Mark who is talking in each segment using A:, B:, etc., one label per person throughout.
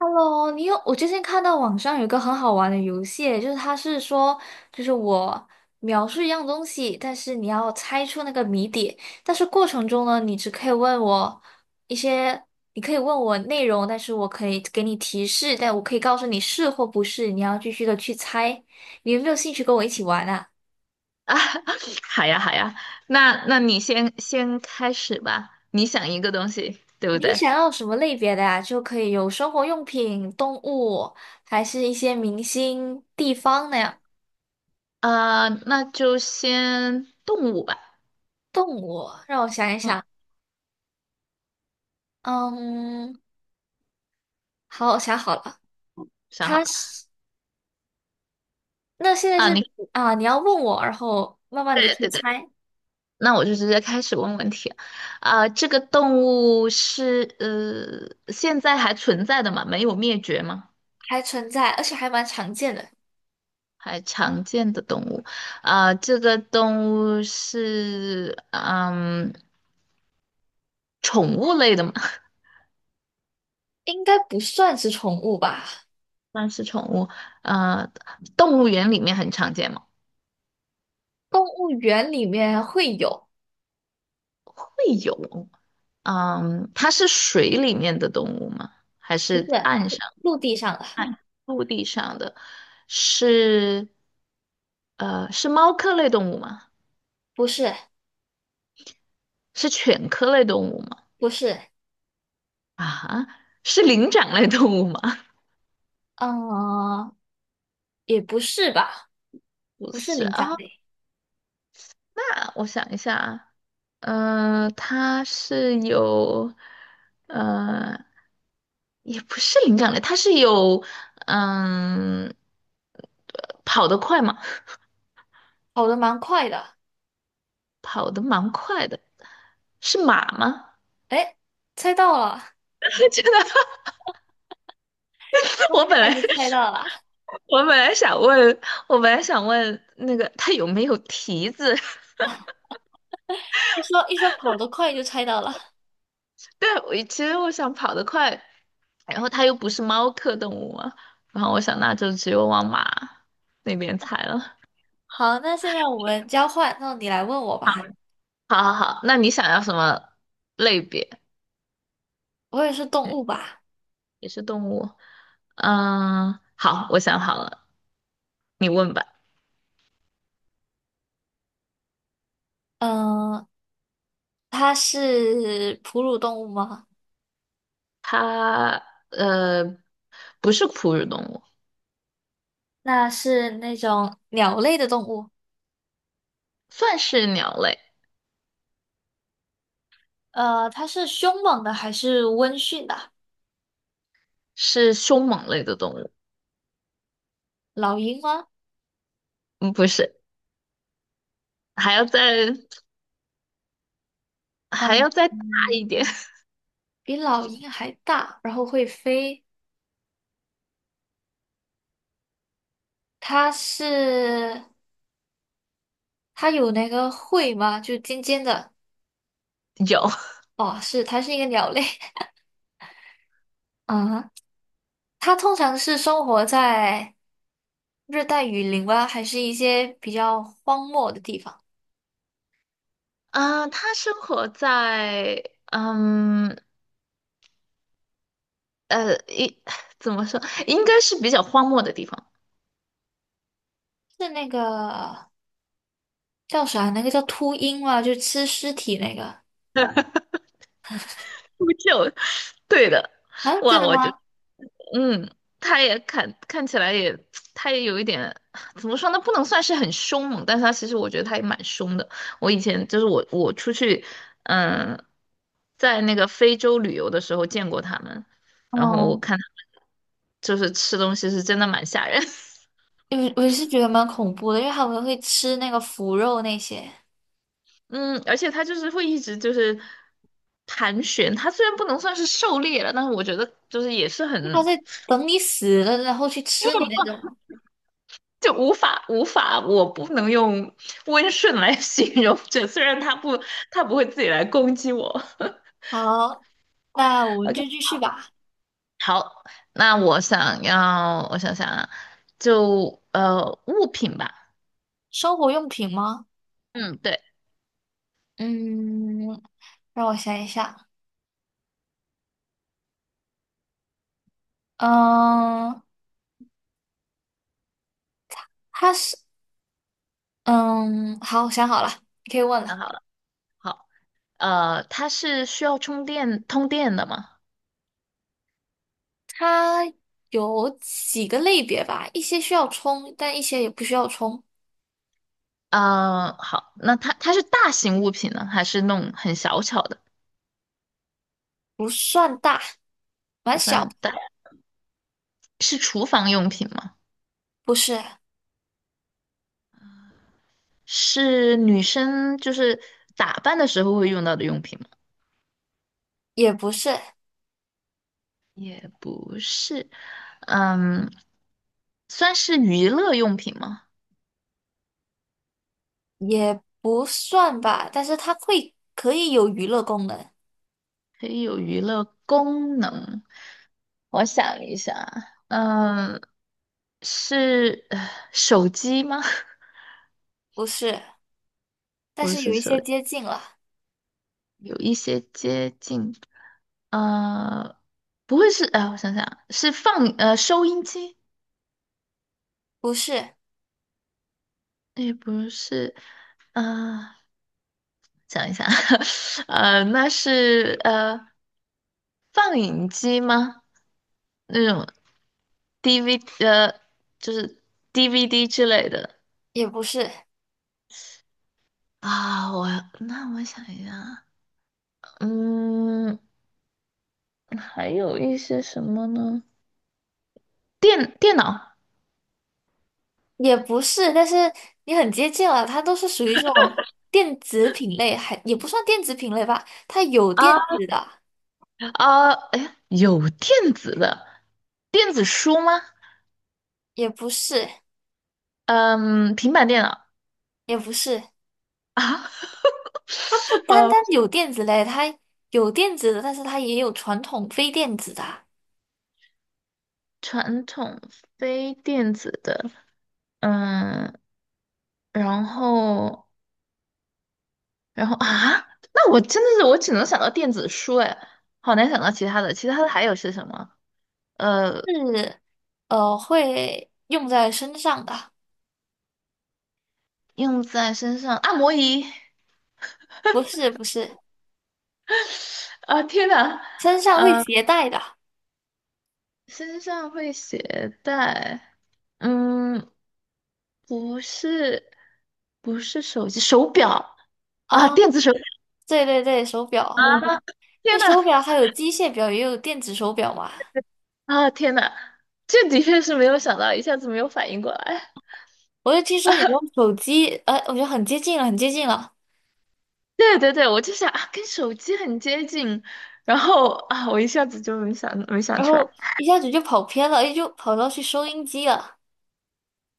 A: Hello，你有，我最近看到网上有一个很好玩的游戏，就是它是说，就是我描述一样东西，但是你要猜出那个谜底，但是过程中呢，你只可以问我一些，你可以问我内容，但是我可以给你提示，但我可以告诉你是或不是，你要继续的去猜。你有没有兴趣跟我一起玩啊？
B: 啊，好呀，好呀，那那你先开始吧，你想一个东西，对不
A: 你
B: 对？
A: 想要什么类别的呀？就可以有生活用品、动物，还是一些明星、地方那样。
B: 那就先动物吧。
A: 动物，让我想一
B: 嗯，
A: 想。嗯，好，我想好了，
B: 想好
A: 它
B: 了
A: 是那现在
B: 啊，
A: 是
B: 你
A: 啊，你要问我，然后慢慢的
B: 对
A: 去
B: 对对，
A: 猜，
B: 那我就直接开始问问题。啊，这个动物是现在还存在的吗？没有灭绝吗？
A: 还存在，而且还蛮常见的，
B: 还常见的动物。啊，这个动物是宠物类的吗？
A: 应该不算是宠物吧？
B: 那是宠物，呃，动物园里面很常见吗？
A: 动物园里面会有，
B: 会有，嗯，它是水里面的动物吗？还
A: 不是
B: 是岸上、
A: 陆地上的，
B: 陆地上的？是，是猫科类动物吗？
A: 不是，
B: 是犬科类动物吗？
A: 不是，
B: 啊，是灵长类动物吗？
A: 嗯，也不是吧？
B: 不
A: 不是
B: 是
A: 灵
B: 啊，
A: 长类，
B: 那我想一下，啊。呃，它是有，呃，也不是灵长类，它是有，嗯，跑得快吗？
A: 跑得蛮快的，
B: 跑得蛮快的，是马吗？
A: 哎，猜到了，
B: 真的，
A: 这么
B: 我本
A: 快
B: 来
A: 就猜到了，
B: 我本来想问，我本来想问那个它有没有蹄子？
A: 一说跑得快就猜到了。
B: 对，我其实我想跑得快，然后它又不是猫科动物嘛，然后我想那就只有往马那边猜了。
A: 好，那现在我们交换，那你来问我吧。
B: 好好好，那你想要什么类别？
A: 我也是动
B: 嗯，
A: 物吧？
B: 也是动物。嗯，好，我想好了，你问吧。
A: 嗯，它是哺乳动物吗？
B: 它呃不是哺乳动物，
A: 那是那种鸟类的动物。
B: 算是鸟类，
A: 它是凶猛的还是温驯的？
B: 是凶猛类的动物。
A: 老鹰吗？
B: 嗯，不是，还要再还
A: 嗯
B: 要再大
A: 嗯，
B: 一点。
A: 比老鹰还大，然后会飞。它是它有那个喙吗？就尖尖的。
B: 有，
A: 哦，是，它是一个鸟类 啊。它通常是生活在热带雨林吗？还是一些比较荒漠的地方？
B: 嗯、它生活在嗯呃一 怎么说，应该是比较荒漠的地方。
A: 是那个。叫啥？那个叫秃鹰嘛，就吃尸体那个
B: 秃鹫，对的。
A: 啊？真
B: 哇，
A: 的
B: 我就。
A: 吗？
B: 嗯，他也看起来也，他也有一点，怎么说呢？不能算是很凶猛，但是他其实我觉得他也蛮凶的。我以前就是我出去，嗯，在那个非洲旅游的时候见过他们，然后我
A: 哦，
B: 看他们就是吃东西是真的蛮吓人，
A: 我是觉得蛮恐怖的，因为他们会吃那个腐肉那些，
B: 嗯，而且他就是会一直就是盘旋，他虽然不能算是狩猎了，但是我觉得就是也是
A: 他
B: 很
A: 在等你死了，然后去吃你那种。
B: 就无法无法，我不能用温顺来 形容这，虽然他不会自己来攻击我。
A: 好，那我们就
B: OK，
A: 继续吧。
B: 好，那我想要，我想想啊，就物品吧，
A: 生活用品吗？
B: 嗯，对，
A: 嗯，让我想一下。嗯，它是嗯，好，想好了，你可以问
B: 想
A: 了。
B: 好了，好，它是需要充电通电的吗？
A: 它有几个类别吧？一些需要充，但一些也不需要充，
B: 好，那它是大型物品呢，还是那种很小巧的？
A: 不算大。蛮
B: 不
A: 小的，
B: 算大，是厨房用品吗？
A: 不是，
B: 是女生就是打扮的时候会用到的用品吗？
A: 也不是，
B: 也不是，嗯，算是娱乐用品吗？
A: 也不算吧，但是它会可以有娱乐功能，
B: 可以有娱乐功能。我想一下，嗯，是手机吗？
A: 不是，但
B: 不
A: 是有
B: 是
A: 一
B: 手
A: 些
B: 机
A: 接近了，
B: 有一些接近，呃，不会是，哎、我想想，是放收音机。
A: 不是，
B: 也不是，啊，想一想，那是放映机吗？那种 DV 呃，就是 DVD 之类的
A: 也不是，
B: 啊。我那我想一下，嗯，还有一些什么呢？电脑
A: 也不是，但是你很接近了，它都是属于这种电子品类，还也不算电子品类吧，它有
B: 啊
A: 电子的，
B: 啊，哎，有电子的电子书吗？
A: 也不是，
B: 嗯，平板电脑
A: 也不是，
B: 啊，
A: 它不 单
B: 呃。
A: 单有电子类，它有电子的，但是它也有传统非电子的，
B: 传统非电子的，嗯，然后，然后啊，那我真的是我只能想到电子书，哎，好难想到其他的。其他的还有是什么？呃，
A: 是会用在身上的。
B: 用在身上，按摩仪，
A: 不是，
B: 啊，天哪，
A: 身上会携带的
B: 身上会携带，嗯，不是，不是手机，手表啊，
A: 啊，
B: 电子手表
A: 对对对，手表，
B: 啊，
A: 那
B: 天哪，
A: 手表还有机械表，也有电子手表嘛。
B: 啊，天哪，这的确是没有想到，一下子没有反应过来。
A: 我就听说你用手机，我觉得很接近了，很接近了，
B: 对对对，我就想啊，跟手机很接近，然后啊，我一下子就没想
A: 然
B: 出来，
A: 后 一下子就跑偏了，哎，就跑到去收音机了。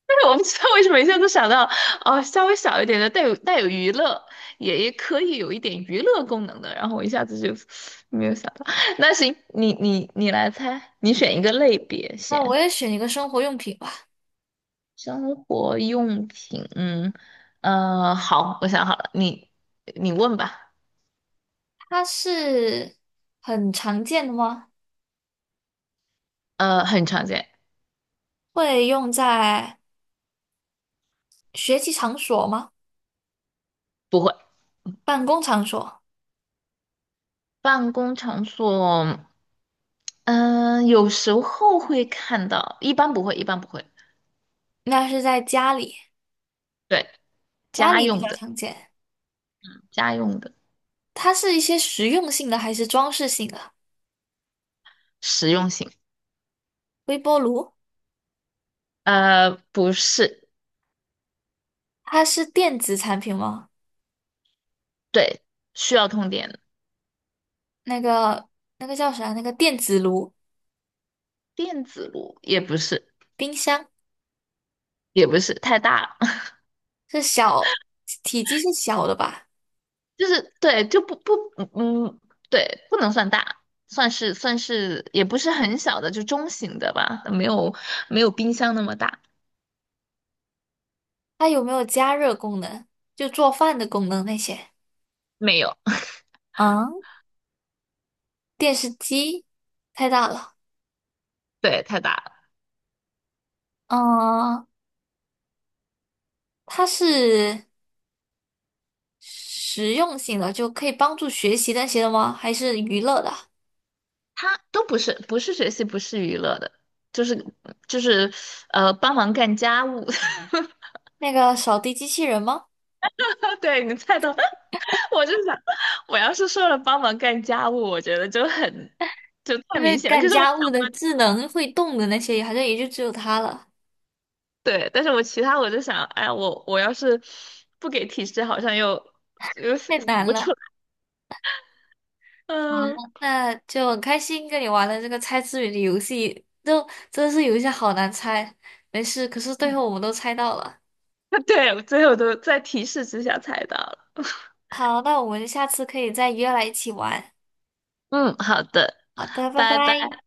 B: 但是我不知道为什么一下子想到，哦，稍微小一点的带有娱乐，也可以有一点娱乐功能的，然后我一下子就没有想到。那行，你你来猜，你选一个类别
A: 那我
B: 先，
A: 也选一个生活用品吧，
B: 生活用品，嗯，好，我想好了，你问吧，
A: 它是很常见的吗？
B: 很常见，
A: 会用在学习场所吗？
B: 不会，
A: 办公场所？
B: 办公场所。嗯，有时候会看到，一般不会，一般不会。
A: 那是在家里，
B: 对，
A: 家
B: 家
A: 里比
B: 用
A: 较
B: 的，
A: 常见。
B: 家用的，
A: 它是一些实用性的还是装饰性的？
B: 实用性。
A: 微波炉，
B: 不是，
A: 它是电子产品吗？
B: 对，需要通电的，
A: 那个那个叫啥？那个电子炉、
B: 电子炉也不是，
A: 冰箱
B: 也不是太大了，
A: 是小，体积是小的吧？
B: 就是对，就不不，嗯，对，不能算大，算是，也不是很小的，就中型的吧，没有冰箱那么大，
A: 它有没有加热功能？就做饭的功能那些？
B: 没有，
A: 嗯，电视机太大了。
B: 对，太大了。
A: 嗯，它是实用性的，就可以帮助学习那些的吗？还是娱乐的？
B: 他都不是学习，不是娱乐的，就是就是帮忙干家务。
A: 那个扫地机器人吗？
B: 对你猜到，我就想，我要是说了帮忙干家务，我觉得就太
A: 因为
B: 明显了。
A: 干
B: 可是我
A: 家
B: 想
A: 务的
B: 问，
A: 智能会动的那些，好像也就只有它了，
B: 对，但是其他我就想，哎，我我要是不给提示，好像又想
A: 太难
B: 不出
A: 了。
B: 来。
A: 好，
B: 嗯，
A: 那就很开心跟你玩了这个猜字谜的游戏，就真的是有一些好难猜。没事，可是最后我们都猜到了。
B: 对，最后都在提示之下猜到了。
A: 好，那我们下次可以再约来一起玩。
B: 嗯，好的，
A: 好的，拜
B: 拜拜。
A: 拜。